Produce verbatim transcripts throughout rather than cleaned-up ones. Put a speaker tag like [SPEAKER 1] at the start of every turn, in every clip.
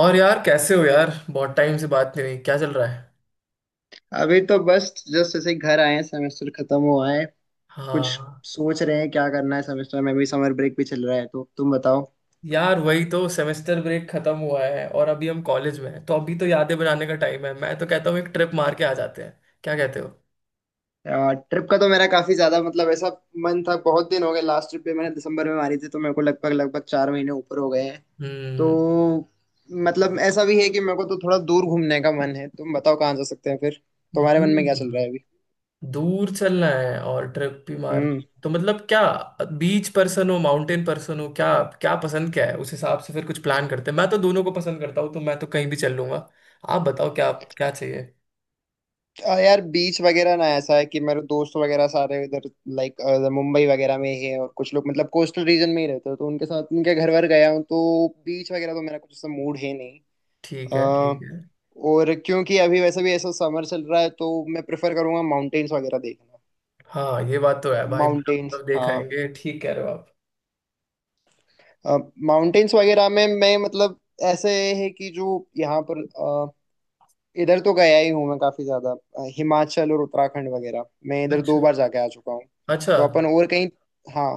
[SPEAKER 1] और यार कैसे हो यार? बहुत टाइम से बात नहीं हुई, क्या चल रहा है?
[SPEAKER 2] अभी तो बस जस्ट ऐसे ही घर आए हैं। सेमेस्टर खत्म हुआ है। कुछ
[SPEAKER 1] हाँ।
[SPEAKER 2] सोच रहे हैं क्या करना है। सेमेस्टर में भी, समर ब्रेक भी चल रहा है, तो तुम बताओ।
[SPEAKER 1] यार वही तो, सेमेस्टर ब्रेक खत्म हुआ है और अभी हम कॉलेज में हैं तो अभी तो यादें बनाने का टाइम है। मैं तो कहता हूँ एक ट्रिप मार के आ जाते हैं, क्या कहते हो?
[SPEAKER 2] ट्रिप का तो मेरा काफी ज्यादा, मतलब, ऐसा मन था, बहुत दिन हो गए। लास्ट ट्रिप पे मैंने दिसंबर में मारी थी, तो मेरे को लगभग लगभग चार महीने ऊपर हो गए हैं। तो
[SPEAKER 1] हम्म।
[SPEAKER 2] मतलब ऐसा भी है कि मेरे को तो थोड़ा दूर घूमने का मन है। तुम बताओ कहाँ जा सकते हैं फिर, तुम्हारे मन में क्या
[SPEAKER 1] दूर
[SPEAKER 2] चल रहा है?
[SPEAKER 1] दूर चलना है और ट्रिप भी मार।
[SPEAKER 2] अभी।
[SPEAKER 1] तो मतलब क्या, बीच पर्सन हो माउंटेन पर्सन हो क्या? क्या पसंद क्या है, उस हिसाब से फिर कुछ प्लान करते हैं। मैं तो दोनों को पसंद करता हूँ तो मैं तो कहीं भी चल लूंगा। आप बताओ क्या, क्या चाहिए?
[SPEAKER 2] आ, यार, बीच वगैरह ना, ऐसा है कि मेरे दोस्त वगैरह सारे इधर, लाइक, मुंबई वगैरह में ही है, और कुछ लोग, मतलब, कोस्टल रीजन में ही रहते हो तो उनके साथ उनके घर वर गया हूँ। तो बीच वगैरह तो मेरा कुछ ऐसा मूड है नहीं।
[SPEAKER 1] ठीक है
[SPEAKER 2] आ,
[SPEAKER 1] ठीक है।
[SPEAKER 2] और क्योंकि अभी वैसे भी ऐसा समर चल रहा है, तो मैं प्रेफर करूंगा माउंटेन्स वगैरह देखना।
[SPEAKER 1] हाँ ये बात तो है भाई,
[SPEAKER 2] माउंटेन्स,
[SPEAKER 1] बराबर देख
[SPEAKER 2] हाँ।
[SPEAKER 1] आएंगे, ठीक कह रहे हो आप।
[SPEAKER 2] माउंटेन्स वगैरह में मैं, मतलब, ऐसे है कि जो यहाँ पर इधर तो गया ही हूँ। मैं काफी ज्यादा अ, हिमाचल और उत्तराखंड वगैरह, मैं इधर दो
[SPEAKER 1] अच्छा
[SPEAKER 2] बार जाके आ चुका हूँ।
[SPEAKER 1] अच्छा।
[SPEAKER 2] तो अपन और कहीं। हाँ।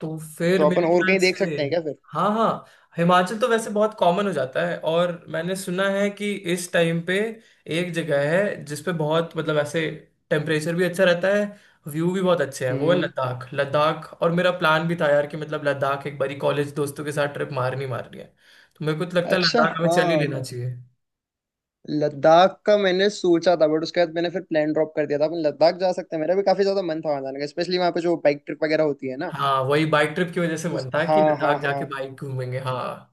[SPEAKER 1] तो फिर
[SPEAKER 2] तो अपन
[SPEAKER 1] मेरे
[SPEAKER 2] और
[SPEAKER 1] ख्याल
[SPEAKER 2] कहीं देख
[SPEAKER 1] से,
[SPEAKER 2] सकते हैं क्या फिर?
[SPEAKER 1] हाँ हाँ, हिमाचल तो वैसे बहुत कॉमन हो जाता है और मैंने सुना है कि इस टाइम पे एक जगह है जिसपे बहुत मतलब ऐसे टेम्परेचर भी अच्छा रहता है, व्यू भी बहुत अच्छे हैं। वो है
[SPEAKER 2] हम्म।
[SPEAKER 1] लद्दाख। लद्दाख, और मेरा प्लान भी था यार कि मतलब लद्दाख एक बारी कॉलेज दोस्तों के साथ ट्रिप मारनी मारनी है। तो मेरे को तो लगता है
[SPEAKER 2] अच्छा,
[SPEAKER 1] लद्दाख हमें चल ही लेना
[SPEAKER 2] हाँ।
[SPEAKER 1] चाहिए।
[SPEAKER 2] लद्दाख का मैंने सोचा था बट उसके बाद मैंने फिर प्लान ड्रॉप कर दिया था। अपन लद्दाख जा सकते हैं, मेरा भी काफी ज्यादा मन था वहाँ जाने का, स्पेशली वहाँ पे जो बाइक ट्रिप वगैरह होती है ना।
[SPEAKER 1] हाँ वही बाइक ट्रिप की वजह से
[SPEAKER 2] उस,
[SPEAKER 1] मन था कि
[SPEAKER 2] हाँ हाँ
[SPEAKER 1] लद्दाख
[SPEAKER 2] हाँ,
[SPEAKER 1] जाके बाइक घूमेंगे, हाँ।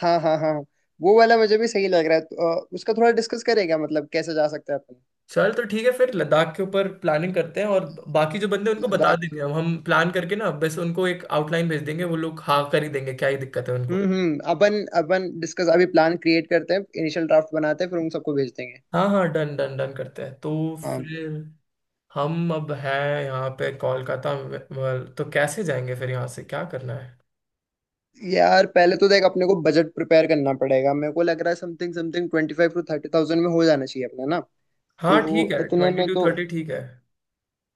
[SPEAKER 2] हाँ हाँ हाँ। वो वाला मुझे भी सही लग रहा है, तो, अ, उसका थोड़ा डिस्कस करेगा मतलब कैसे जा सकते हैं अपन।
[SPEAKER 1] चल तो ठीक है, फिर लद्दाख के ऊपर प्लानिंग करते हैं और बाकी जो बंदे हैं, उनको बता
[SPEAKER 2] लद्दाख।
[SPEAKER 1] देंगे। हम हम प्लान करके ना, बस उनको एक आउटलाइन भेज देंगे, वो लोग हाँ कर ही देंगे, क्या ही दिक्कत है उनको।
[SPEAKER 2] हम्म हम्म, अपन। अपन डिस्कस, अभी प्लान क्रिएट करते हैं, इनिशियल ड्राफ्ट बनाते हैं, फिर उन सबको भेज देंगे।
[SPEAKER 1] हाँ हाँ, डन डन डन करते हैं तो।
[SPEAKER 2] हाँ।
[SPEAKER 1] फिर हम अब हैं यहाँ पे कोलकाता में, well, तो कैसे जाएंगे फिर, यहाँ से क्या करना है?
[SPEAKER 2] यार पहले तो देख, अपने को बजट प्रिपेयर करना पड़ेगा। मेरे को लग रहा है something something twenty five to thirty thousand में हो जाना चाहिए अपना, ना।
[SPEAKER 1] हाँ ठीक
[SPEAKER 2] तो
[SPEAKER 1] है,
[SPEAKER 2] इतने
[SPEAKER 1] ट्वेंटी
[SPEAKER 2] में
[SPEAKER 1] टू
[SPEAKER 2] तो।
[SPEAKER 1] थर्टी ठीक है।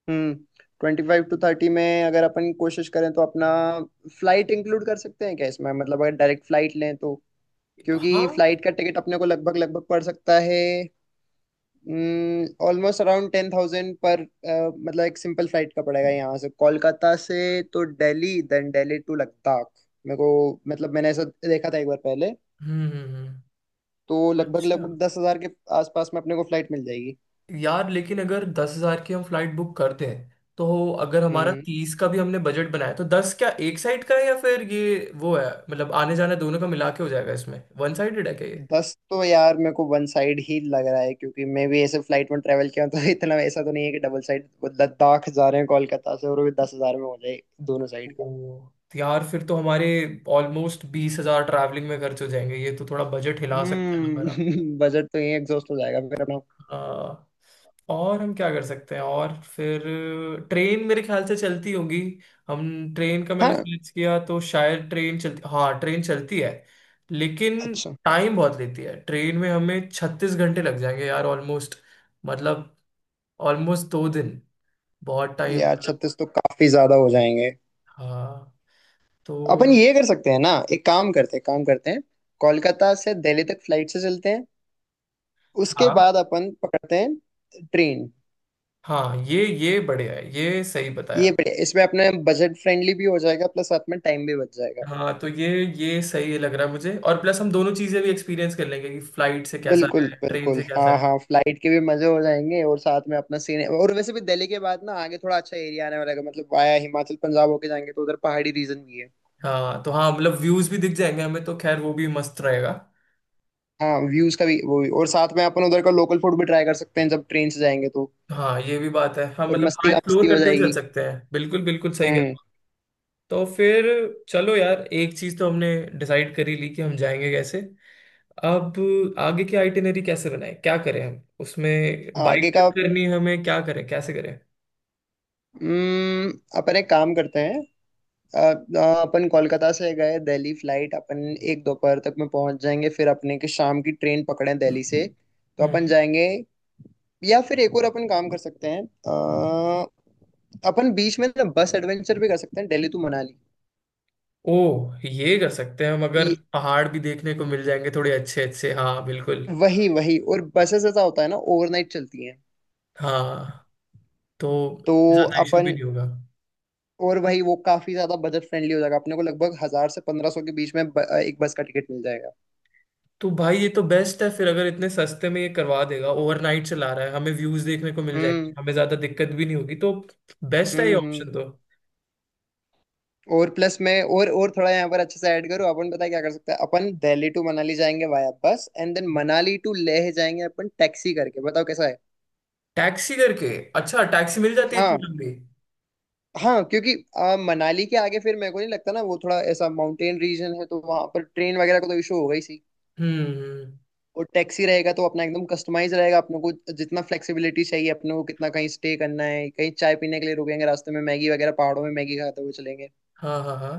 [SPEAKER 2] हम्म। ट्वेंटी फाइव टू थर्टी में अगर अपन कोशिश करें तो अपना फ्लाइट इंक्लूड कर सकते हैं क्या इसमें? मतलब अगर डायरेक्ट फ्लाइट लें तो? क्योंकि
[SPEAKER 1] हाँ।
[SPEAKER 2] फ्लाइट का टिकट अपने को लगभग लगभग पड़ सकता है ऑलमोस्ट अराउंड टेन थाउजेंड पर, अ, मतलब एक सिंपल फ्लाइट का, पड़ेगा यहाँ से कोलकाता से तो दिल्ली, देन दिल्ली टू लद्दाख। मेरे को, मतलब, मैंने ऐसा देखा था एक बार पहले।
[SPEAKER 1] हम्म, हम्म, हम्म।
[SPEAKER 2] तो लगभग
[SPEAKER 1] अच्छा।
[SPEAKER 2] लगभग दस हजार के आसपास में अपने को फ्लाइट मिल जाएगी।
[SPEAKER 1] यार लेकिन अगर दस हजार की हम फ्लाइट बुक करते हैं तो, अगर हमारा
[SPEAKER 2] हम्म।
[SPEAKER 1] तीस का भी हमने बजट बनाया तो दस क्या एक साइड का है, या फिर ये वो है मतलब आने जाने दोनों का मिला के हो जाएगा इसमें? वन साइडेड है क्या ये?
[SPEAKER 2] दस तो यार मेरे को वन साइड ही लग रहा है, क्योंकि मैं भी ऐसे फ्लाइट में ट्रेवल किया हूं, तो इतना ऐसा तो नहीं है कि डबल साइड लद्दाख जा रहे हैं कोलकाता से, और वो भी दस हजार में हो जाए दोनों साइड का।
[SPEAKER 1] ओ। यार फिर तो हमारे ऑलमोस्ट बीस हजार ट्रैवलिंग में खर्च हो जाएंगे, ये तो थोड़ा बजट हिला सकता है हमारा।
[SPEAKER 2] हम्म। बजट तो यही एग्जॉस्ट हो जाएगा फिर अपना।
[SPEAKER 1] आ, और हम क्या कर सकते हैं? और फिर ट्रेन मेरे ख्याल से चलती होगी। हम ट्रेन का, मैंने
[SPEAKER 2] हाँ,
[SPEAKER 1] सर्च किया तो शायद ट्रेन चलती, हाँ ट्रेन चलती है। लेकिन
[SPEAKER 2] अच्छा।
[SPEAKER 1] टाइम बहुत लेती है, ट्रेन में हमें छत्तीस घंटे लग जाएंगे यार, ऑलमोस्ट, मतलब ऑलमोस्ट दो दिन, बहुत टाइम
[SPEAKER 2] यार
[SPEAKER 1] मतलब।
[SPEAKER 2] छत्तीस तो काफी ज्यादा हो जाएंगे।
[SPEAKER 1] हाँ। तो
[SPEAKER 2] अपन ये कर सकते हैं ना, एक काम करते हैं काम करते हैं कोलकाता से दिल्ली तक फ्लाइट से चलते हैं, उसके
[SPEAKER 1] हाँ
[SPEAKER 2] बाद अपन पकड़ते हैं ट्रेन।
[SPEAKER 1] हाँ, ये ये बढ़िया है, ये सही
[SPEAKER 2] ये
[SPEAKER 1] बताया।
[SPEAKER 2] बढ़िया, इसमें अपने बजट फ्रेंडली भी हो जाएगा, प्लस साथ में टाइम भी बच जाएगा।
[SPEAKER 1] हाँ तो ये ये सही लग रहा है मुझे, और प्लस हम दोनों चीजें भी एक्सपीरियंस कर लेंगे कि फ्लाइट से कैसा
[SPEAKER 2] बिल्कुल
[SPEAKER 1] है ट्रेन
[SPEAKER 2] बिल्कुल,
[SPEAKER 1] से कैसा
[SPEAKER 2] हाँ
[SPEAKER 1] है।
[SPEAKER 2] हाँ। फ्लाइट के भी मजे हो जाएंगे, और साथ में अपना सीन। और वैसे भी दिल्ली के बाद ना, आगे थोड़ा अच्छा एरिया आने वाला है, मतलब वाया हिमाचल पंजाब होके जाएंगे तो उधर पहाड़ी रीजन भी है।
[SPEAKER 1] हाँ तो हाँ मतलब व्यूज भी दिख जाएंगे हमें, तो खैर वो भी मस्त रहेगा।
[SPEAKER 2] हाँ, व्यूज का भी, वो भी, और साथ में अपन उधर का लोकल फूड भी ट्राई कर सकते हैं जब ट्रेन से जाएंगे तो।
[SPEAKER 1] हाँ ये भी बात है, हाँ
[SPEAKER 2] और
[SPEAKER 1] मतलब
[SPEAKER 2] मस्ती
[SPEAKER 1] हाँ
[SPEAKER 2] का मस्ती
[SPEAKER 1] एक्सप्लोर
[SPEAKER 2] हो
[SPEAKER 1] करते हुए चल
[SPEAKER 2] जाएगी।
[SPEAKER 1] सकते हैं, बिल्कुल बिल्कुल सही कह रहे
[SPEAKER 2] हम्म।
[SPEAKER 1] हो। तो फिर चलो यार, एक चीज तो हमने डिसाइड कर ही ली कि हम जाएंगे कैसे। अब आगे की आइटिनरी कैसे बनाए, क्या करें हम, उसमें बाइक
[SPEAKER 2] आगे
[SPEAKER 1] ट्रिप
[SPEAKER 2] का।
[SPEAKER 1] करनी है हमें, क्या करें कैसे करें?
[SPEAKER 2] हम्म। अपन एक काम करते हैं, अ, अ, अपन कोलकाता से गए दिल्ली फ्लाइट, अपन एक दोपहर तक में पहुंच जाएंगे, फिर अपने की शाम की ट्रेन पकड़े दिल्ली से, तो अपन
[SPEAKER 1] हम्म।
[SPEAKER 2] जाएंगे। या फिर एक और अपन काम कर सकते हैं, अ, अपन बीच में ना बस एडवेंचर भी कर सकते हैं, दिल्ली टू मनाली।
[SPEAKER 1] ओ ये कर सकते हैं हम, अगर
[SPEAKER 2] ये,
[SPEAKER 1] पहाड़ भी देखने को मिल जाएंगे थोड़े अच्छे अच्छे, हाँ बिल्कुल।
[SPEAKER 2] वही वही। और बसेस ऐसा होता है ना, ओवरनाइट चलती हैं
[SPEAKER 1] हाँ तो
[SPEAKER 2] तो
[SPEAKER 1] ज्यादा इशू भी
[SPEAKER 2] अपन।
[SPEAKER 1] नहीं होगा।
[SPEAKER 2] और वही, वो काफी ज्यादा बजट फ्रेंडली हो जाएगा, अपने को लगभग हजार से पंद्रह सौ के बीच में ब, एक बस का टिकट मिल जाएगा।
[SPEAKER 1] तो भाई ये तो बेस्ट है फिर, अगर इतने सस्ते में ये करवा देगा, ओवरनाइट चला रहा है, हमें व्यूज देखने को मिल जाएंगे,
[SPEAKER 2] हम्म
[SPEAKER 1] हमें ज्यादा दिक्कत भी नहीं होगी, तो बेस्ट है ये
[SPEAKER 2] हम्म हम्म।
[SPEAKER 1] ऑप्शन तो।
[SPEAKER 2] और प्लस, मैं और और थोड़ा यहाँ पर अच्छे से ऐड करूँ, अपन पता है क्या कर सकते हैं? अपन दिल्ली टू मनाली जाएंगे via bus, and then Manali to Leh जाएंगे अपन टैक्सी करके, बताओ कैसा है?
[SPEAKER 1] टैक्सी करके, अच्छा टैक्सी मिल जाती है इतनी
[SPEAKER 2] हाँ
[SPEAKER 1] लंबी?
[SPEAKER 2] हाँ। क्योंकि आ, मनाली के आगे फिर मेरे को नहीं लगता ना, वो थोड़ा ऐसा माउंटेन रीजन है तो वहां पर ट्रेन वगैरह का तो इशू होगा ही।
[SPEAKER 1] हम्म, हम्म,
[SPEAKER 2] और टैक्सी रहेगा तो अपना एकदम कस्टमाइज रहेगा अपने को, जितना फ्लेक्सिबिलिटी चाहिए अपने को, कितना कहीं स्टे करना है, कहीं चाय पीने के लिए रुकेंगे रास्ते में, मैगी वगैरह, पहाड़ों में मैगी खाते हुए चलेंगे।
[SPEAKER 1] हाँ हाँ हाँ।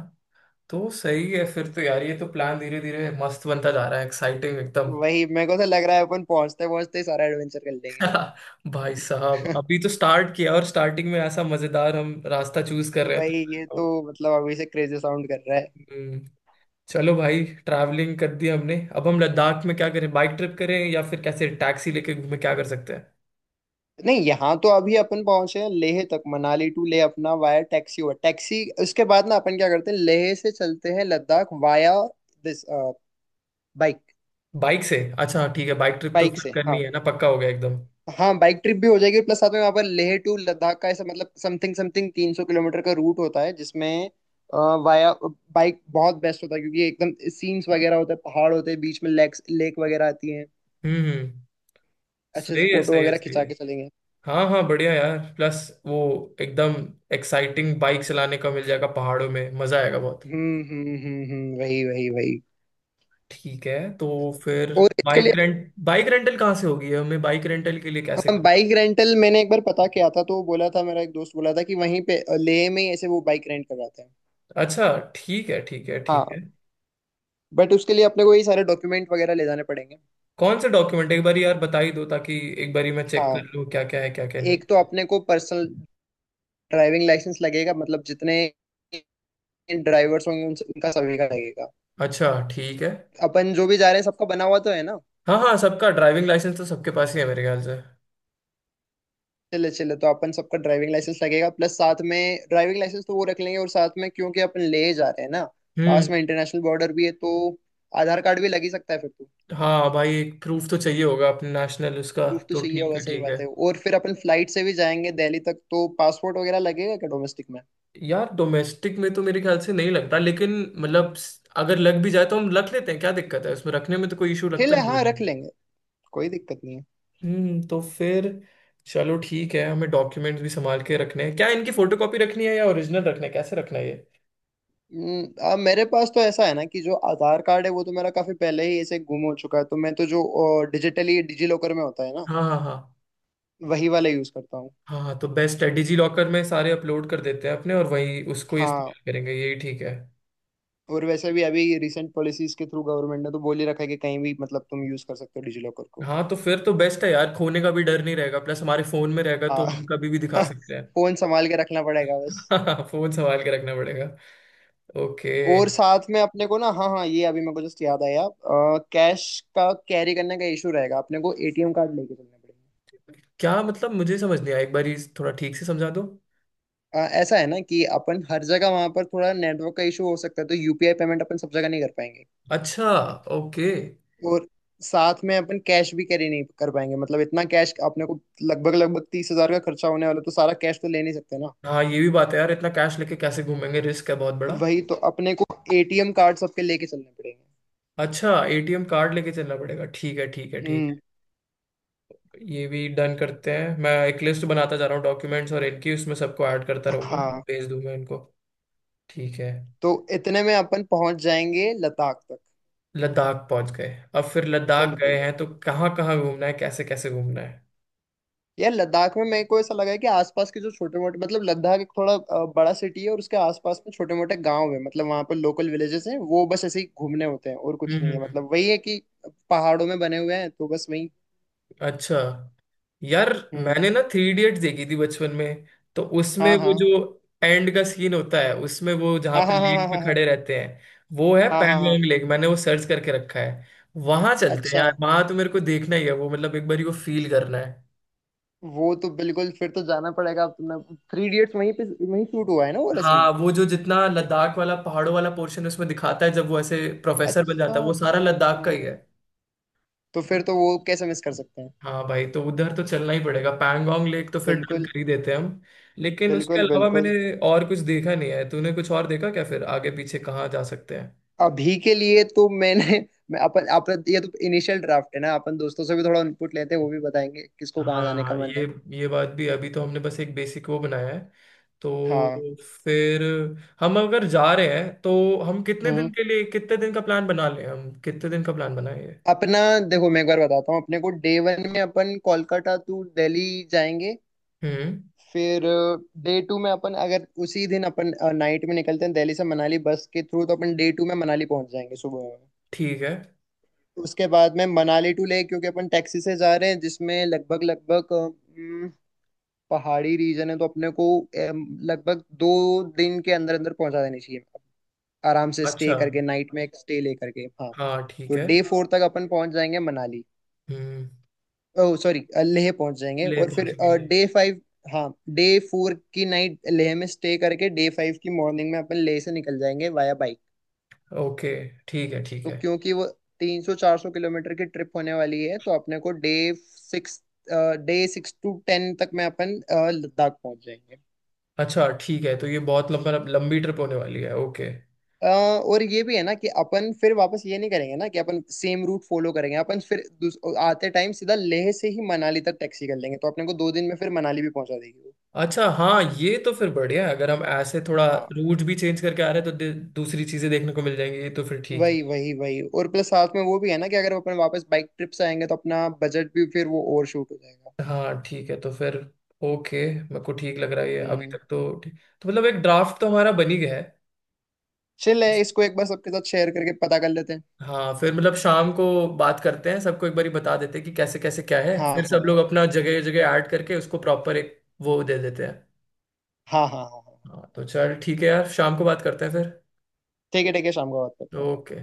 [SPEAKER 1] तो सही है फिर तो, यार ये तो प्लान धीरे धीरे मस्त बनता जा रहा है, एक्साइटिंग एकदम।
[SPEAKER 2] वही, मेरे को तो लग रहा है अपन पहुंचते पहुंचते ही सारा एडवेंचर कर लेंगे।
[SPEAKER 1] भाई साहब अभी तो स्टार्ट किया और स्टार्टिंग में ऐसा मजेदार हम रास्ता चूज कर रहे हैं।
[SPEAKER 2] वही, ये तो,
[SPEAKER 1] तो-
[SPEAKER 2] मतलब, अभी से क्रेजी साउंड कर रहा है।
[SPEAKER 1] हम्म। चलो भाई ट्रैवलिंग कर दी हमने, अब हम लद्दाख में क्या करें, बाइक ट्रिप करें या फिर कैसे टैक्सी लेके घूमें, क्या कर सकते हैं?
[SPEAKER 2] नहीं, यहाँ तो अभी अपन पहुंचे हैं लेह तक, मनाली टू लेह अपना वाया टैक्सी हुआ टैक्सी, उसके बाद ना अपन क्या करते हैं, लेह से चलते हैं Ladakh via this bike.
[SPEAKER 1] Bike से, अच्छा ठीक है, बाइक ट्रिप तो
[SPEAKER 2] बाइक
[SPEAKER 1] फिर
[SPEAKER 2] से,
[SPEAKER 1] करनी
[SPEAKER 2] हाँ,
[SPEAKER 1] है ना, पक्का हो गया एकदम।
[SPEAKER 2] हाँ बाइक ट्रिप भी हो जाएगी, प्लस साथ में वहाँ पर लेह टू लद्दाख का ऐसा, मतलब समथिंग समथिंग तीन सौ किलोमीटर का रूट होता है, जिसमें वाया बाइक बहुत बेस्ट होता है, क्योंकि एकदम सीन्स वगैरह होते हैं, पहाड़ होते हैं, बीच में लेक्स लेक वगैरह आती हैं,
[SPEAKER 1] हम्म, हम्म।
[SPEAKER 2] अच्छे से
[SPEAKER 1] सही है
[SPEAKER 2] फोटो
[SPEAKER 1] सही है
[SPEAKER 2] वगैरह
[SPEAKER 1] सही
[SPEAKER 2] खिंचा
[SPEAKER 1] है।
[SPEAKER 2] के चलेंगे।
[SPEAKER 1] हाँ हाँ बढ़िया यार, प्लस वो एकदम एक्साइटिंग बाइक चलाने का मिल जाएगा, पहाड़ों में मजा आएगा बहुत।
[SPEAKER 2] हम्म हम्म हम्म हम्म, वही वही वही।
[SPEAKER 1] ठीक है, तो फिर
[SPEAKER 2] और इसके
[SPEAKER 1] बाइक
[SPEAKER 2] लिए
[SPEAKER 1] रेंट, बाइक रेंटल कहाँ से होगी, हमें बाइक रेंटल के लिए कैसे
[SPEAKER 2] हम
[SPEAKER 1] करना?
[SPEAKER 2] बाइक रेंटल, मैंने एक बार पता किया था, तो वो बोला था, मेरा एक दोस्त बोला था कि वहीं पे अ, लेह में ही ऐसे वो बाइक रेंट करवाते हैं।
[SPEAKER 1] अच्छा ठीक है ठीक है ठीक
[SPEAKER 2] हाँ,
[SPEAKER 1] है।
[SPEAKER 2] बट उसके लिए अपने को ये सारे डॉक्यूमेंट वगैरह ले जाने पड़ेंगे।
[SPEAKER 1] कौन सा डॉक्यूमेंट, एक बार यार बता ही दो ताकि एक बार मैं चेक कर
[SPEAKER 2] हाँ,
[SPEAKER 1] लूँ क्या क्या है क्या क्या नहीं।
[SPEAKER 2] एक तो अपने को पर्सनल ड्राइविंग लाइसेंस लगेगा, मतलब जितने ड्राइवर्स होंगे उन- उनका सभी का लगेगा।
[SPEAKER 1] अच्छा ठीक है।
[SPEAKER 2] अपन जो भी जा रहे हैं सबका बना हुआ तो है ना?
[SPEAKER 1] हाँ हाँ सबका ड्राइविंग लाइसेंस तो सबके पास ही है मेरे ख्याल से।
[SPEAKER 2] चले चले, तो अपन सबका ड्राइविंग लाइसेंस लगेगा, प्लस साथ में ड्राइविंग लाइसेंस तो वो रख लेंगे, और साथ में क्योंकि अपन ले जा रहे हैं ना,
[SPEAKER 1] हम्म।
[SPEAKER 2] पास में इंटरनेशनल बॉर्डर भी है तो आधार कार्ड भी लग ही सकता है फिर तो।
[SPEAKER 1] हाँ भाई एक प्रूफ तो चाहिए होगा अपने नेशनल, उसका
[SPEAKER 2] प्रूफ तो
[SPEAKER 1] तो
[SPEAKER 2] चाहिए
[SPEAKER 1] ठीक
[SPEAKER 2] होगा,
[SPEAKER 1] है
[SPEAKER 2] सही
[SPEAKER 1] ठीक है।
[SPEAKER 2] बात है। और फिर अपन फ्लाइट से भी जाएंगे दिल्ली तक तो पासपोर्ट वगैरह लगेगा क्या डोमेस्टिक में?
[SPEAKER 1] यार डोमेस्टिक में तो मेरे ख्याल से नहीं लगता, लेकिन मतलब स- अगर लग भी जाए तो हम रख लेते हैं, क्या दिक्कत है उसमें रखने में, तो कोई इशू लगता
[SPEAKER 2] ठीक है,
[SPEAKER 1] नहीं
[SPEAKER 2] हाँ,
[SPEAKER 1] मुझे।
[SPEAKER 2] रख लेंगे, कोई दिक्कत नहीं है।
[SPEAKER 1] हम्म, तो फिर चलो ठीक है, हमें डॉक्यूमेंट्स भी संभाल के रखने हैं क्या, इनकी फोटोकॉपी रखनी है या ओरिजिनल रखना है, कैसे रखना है ये?
[SPEAKER 2] हम्म, आ, मेरे पास तो ऐसा है ना कि जो आधार कार्ड है वो तो मेरा काफी पहले ही ऐसे गुम हो चुका है, तो मैं तो जो डिजिटली डिजी लॉकर में होता है ना,
[SPEAKER 1] हाँ हाँ हाँ।
[SPEAKER 2] वही वाला यूज करता हूँ।
[SPEAKER 1] हाँ तो बेस्ट है, डिजी लॉकर में सारे अपलोड कर देते हैं अपने, और वही उसको ही
[SPEAKER 2] हाँ,
[SPEAKER 1] इस्तेमाल करेंगे, यही ठीक है।
[SPEAKER 2] और वैसे भी अभी रिसेंट पॉलिसीज के थ्रू गवर्नमेंट ने तो बोल ही रखा है कि कहीं भी, मतलब, तुम यूज कर सकते हो डिजी लॉकर को।
[SPEAKER 1] हाँ तो फिर तो बेस्ट है यार, खोने का भी डर नहीं रहेगा, प्लस हमारे फोन में रहेगा तो
[SPEAKER 2] हाँ।
[SPEAKER 1] हम कभी भी दिखा सकते हैं।
[SPEAKER 2] फोन संभाल के रखना पड़ेगा बस।
[SPEAKER 1] फोन संभाल के रखना पड़ेगा, ओके।
[SPEAKER 2] और साथ में अपने को ना, हाँ हाँ, ये अभी मेरे को जस्ट याद आया, कैश का कैरी करने का इशू रहेगा, अपने को एटीएम कार्ड लेके चलना पड़ेगा।
[SPEAKER 1] क्या मतलब, मुझे समझ नहीं आया, एक बार ये थोड़ा ठीक से समझा दो।
[SPEAKER 2] अ, ऐसा है ना कि अपन हर जगह वहां पर थोड़ा नेटवर्क का इशू हो सकता है, तो यूपीआई पेमेंट अपन सब जगह नहीं कर पाएंगे।
[SPEAKER 1] अच्छा ओके।
[SPEAKER 2] और साथ में अपन कैश भी कैरी नहीं कर पाएंगे, मतलब इतना कैश, अपने को लगभग लगभग तीस हजार का खर्चा होने वाला है, तो सारा कैश तो ले नहीं सकते ना।
[SPEAKER 1] हाँ ये भी बात है यार, इतना कैश लेके कैसे घूमेंगे, रिस्क है बहुत बड़ा।
[SPEAKER 2] वही, तो अपने को एटीएम कार्ड सबके लेके चलने पड़ेंगे।
[SPEAKER 1] अच्छा एटीएम कार्ड लेके चलना पड़ेगा, ठीक है ठीक है ठीक।
[SPEAKER 2] हम्म।
[SPEAKER 1] ये भी डन करते हैं, मैं एक लिस्ट बनाता जा रहा हूँ डॉक्यूमेंट्स और इनकी, उसमें सबको ऐड करता रहूंगा,
[SPEAKER 2] हाँ,
[SPEAKER 1] भेज दूंगा इनको। ठीक है।
[SPEAKER 2] तो इतने में अपन पहुंच जाएंगे लद्दाख तक।
[SPEAKER 1] लद्दाख पहुंच गए। अब फिर लद्दाख गए
[SPEAKER 2] बिल्कुल।
[SPEAKER 1] हैं तो कहाँ कहाँ घूमना है, कैसे कैसे घूमना है?
[SPEAKER 2] यार लद्दाख में मेरे को ऐसा लगा है कि आसपास के जो छोटे मोटे, मतलब लद्दाख एक थोड़ा अ, बड़ा सिटी है, और उसके आसपास में छोटे मोटे गांव है, मतलब वहां पर लोकल विलेजेस हैं, वो बस ऐसे ही घूमने होते हैं और
[SPEAKER 1] हम्म,
[SPEAKER 2] कुछ नहीं
[SPEAKER 1] हम्म,
[SPEAKER 2] है,
[SPEAKER 1] हम्म।
[SPEAKER 2] मतलब वही है कि पहाड़ों में बने हुए हैं, तो बस वही।
[SPEAKER 1] अच्छा यार,
[SPEAKER 2] हम्म,
[SPEAKER 1] मैंने ना थ्री इडियट्स देखी थी बचपन में। तो उसमें
[SPEAKER 2] हाँ
[SPEAKER 1] वो
[SPEAKER 2] हाँ
[SPEAKER 1] जो एंड का सीन होता है, उसमें वो जहाँ
[SPEAKER 2] हाँ,
[SPEAKER 1] पे
[SPEAKER 2] हाँ हाँ
[SPEAKER 1] लेक
[SPEAKER 2] हाँ,
[SPEAKER 1] पे
[SPEAKER 2] हाँ हाँ
[SPEAKER 1] खड़े रहते हैं, वो है
[SPEAKER 2] हाँ, हाँ हाँ।
[SPEAKER 1] पैंगोंग लेक। मैंने वो सर्च करके रखा है, वहां चलते हैं
[SPEAKER 2] अच्छा।
[SPEAKER 1] यार। वहां तो मेरे को देखना ही है वो, मतलब एक बार ही वो फील करना है।
[SPEAKER 2] वो तो बिल्कुल फिर तो जाना पड़ेगा, अब तुमने थ्री इडियट्स, वहीं पे, वहीं शूट हुआ है ना वो वाला scene?
[SPEAKER 1] हाँ वो जो जितना लद्दाख वाला, पहाड़ों वाला पोर्शन उसमें दिखाता है जब वो ऐसे प्रोफेसर बन
[SPEAKER 2] अच्छा,
[SPEAKER 1] जाता है, वो सारा
[SPEAKER 2] अच्छा,
[SPEAKER 1] लद्दाख
[SPEAKER 2] अच्छा।
[SPEAKER 1] का ही है।
[SPEAKER 2] तो फिर तो वो कैसे मिस कर सकते हैं?
[SPEAKER 1] हाँ भाई तो उधर तो चलना ही पड़ेगा, पैंगोंग लेक तो फिर डन
[SPEAKER 2] बिल्कुल,
[SPEAKER 1] कर ही देते हैं हम। लेकिन उसके
[SPEAKER 2] बिल्कुल,
[SPEAKER 1] अलावा मैंने
[SPEAKER 2] बिल्कुल।
[SPEAKER 1] और कुछ देखा नहीं है, तूने कुछ और देखा क्या, फिर आगे पीछे कहाँ जा सकते हैं?
[SPEAKER 2] अभी के लिए तो मैंने, मैं अपन अपन ये तो इनिशियल ड्राफ्ट है ना, अपन दोस्तों से भी थोड़ा इनपुट लेते हैं, वो भी बताएंगे किसको कहाँ जाने का
[SPEAKER 1] हाँ
[SPEAKER 2] मन है।
[SPEAKER 1] ये ये बात भी, अभी तो हमने बस एक बेसिक वो बनाया है।
[SPEAKER 2] हाँ।
[SPEAKER 1] तो फिर हम अगर जा रहे हैं तो हम कितने
[SPEAKER 2] हम्म
[SPEAKER 1] दिन के लिए, कितने दिन का प्लान बना लें हम, कितने दिन का प्लान बनाएं ये?
[SPEAKER 2] अपना, देखो मैं एक बार बताता हूँ, अपने को डे वन में अपन कोलकाता टू दिल्ली जाएंगे।
[SPEAKER 1] हम्म।
[SPEAKER 2] फिर डे टू में अपन, अगर उसी दिन अपन नाइट में निकलते हैं दिल्ली से मनाली बस के थ्रू, तो अपन डे टू में मनाली पहुंच जाएंगे सुबह में।
[SPEAKER 1] ठीक है।
[SPEAKER 2] उसके बाद में मनाली टू ले, क्योंकि अपन टैक्सी से जा रहे हैं, जिसमें लगभग लगभग uh, पहाड़ी रीजन है, तो अपने को एम, लगभग दो दिन के अंदर अंदर पहुंचा देनी चाहिए, आराम से स्टे
[SPEAKER 1] अच्छा।
[SPEAKER 2] करके, नाइट में एक स्टे लेकर के, हाँ।
[SPEAKER 1] हाँ
[SPEAKER 2] तो
[SPEAKER 1] ठीक है।
[SPEAKER 2] डे फोर तक अपन पहुंच जाएंगे मनाली।
[SPEAKER 1] हम्म।
[SPEAKER 2] ओह सॉरी, लेह पहुंच जाएंगे,
[SPEAKER 1] ले
[SPEAKER 2] और फिर
[SPEAKER 1] पहुंचेगी, ले।
[SPEAKER 2] डे फाइव, हाँ, डे फोर की नाइट लेह में स्टे करके डे फाइव की मॉर्निंग में अपन लेह से निकल जाएंगे वाया बाइक।
[SPEAKER 1] ओके ठीक है ठीक
[SPEAKER 2] तो
[SPEAKER 1] है।
[SPEAKER 2] क्योंकि वो तीन सौ चार सौ किलोमीटर की ट्रिप होने वाली है, तो अपने को day six day six to ten तक में अपन अ, लद्दाख पहुंच जाएंगे।
[SPEAKER 1] अच्छा ठीक है, तो ये बहुत लंबा, लंबी ट्रिप होने वाली है, ओके।
[SPEAKER 2] अ, और ये भी है ना कि अपन फिर वापस ये नहीं करेंगे ना कि अपन सेम रूट फॉलो करेंगे। अपन फिर दूस- आते टाइम सीधा लेह से ही मनाली तक टैक्सी कर लेंगे, तो अपने को दो दिन में फिर मनाली भी पहुंचा देगी वो।
[SPEAKER 1] अच्छा हाँ ये तो फिर बढ़िया है, अगर हम ऐसे थोड़ा
[SPEAKER 2] हाँ,
[SPEAKER 1] रूट भी चेंज करके आ रहे हैं तो दे- दूसरी चीजें देखने को मिल जाएंगी, ये तो फिर ठीक है।
[SPEAKER 2] वही वही वही, और प्लस साथ में वो भी है ना कि अगर अपन वापस बाइक ट्रिप से आएंगे तो अपना बजट भी फिर वो ओवर शूट हो जाएगा।
[SPEAKER 1] हाँ ठीक है तो फिर ओके, मेरे को ठीक लग रहा है ये अभी
[SPEAKER 2] हम्म।
[SPEAKER 1] तक तो। ठीक, तो मतलब एक ड्राफ्ट तो हमारा बन ही गया है।
[SPEAKER 2] चल है, इसको एक बार सबके साथ शेयर करके पता कर लेते हैं।
[SPEAKER 1] हाँ फिर मतलब शाम को बात करते हैं, सबको एक बारी बता देते हैं कि कैसे कैसे क्या है,
[SPEAKER 2] हाँ
[SPEAKER 1] फिर सब
[SPEAKER 2] हाँ
[SPEAKER 1] लोग अपना जगह जगह ऐड करके उसको प्रॉपर एक वो दे देते हैं।
[SPEAKER 2] हाँ, हाँ हाँ हाँ।
[SPEAKER 1] हाँ तो चल ठीक है यार, शाम को बात करते हैं फिर।
[SPEAKER 2] ठीक है, ठीक है, शाम को बात करते हैं।
[SPEAKER 1] ओके।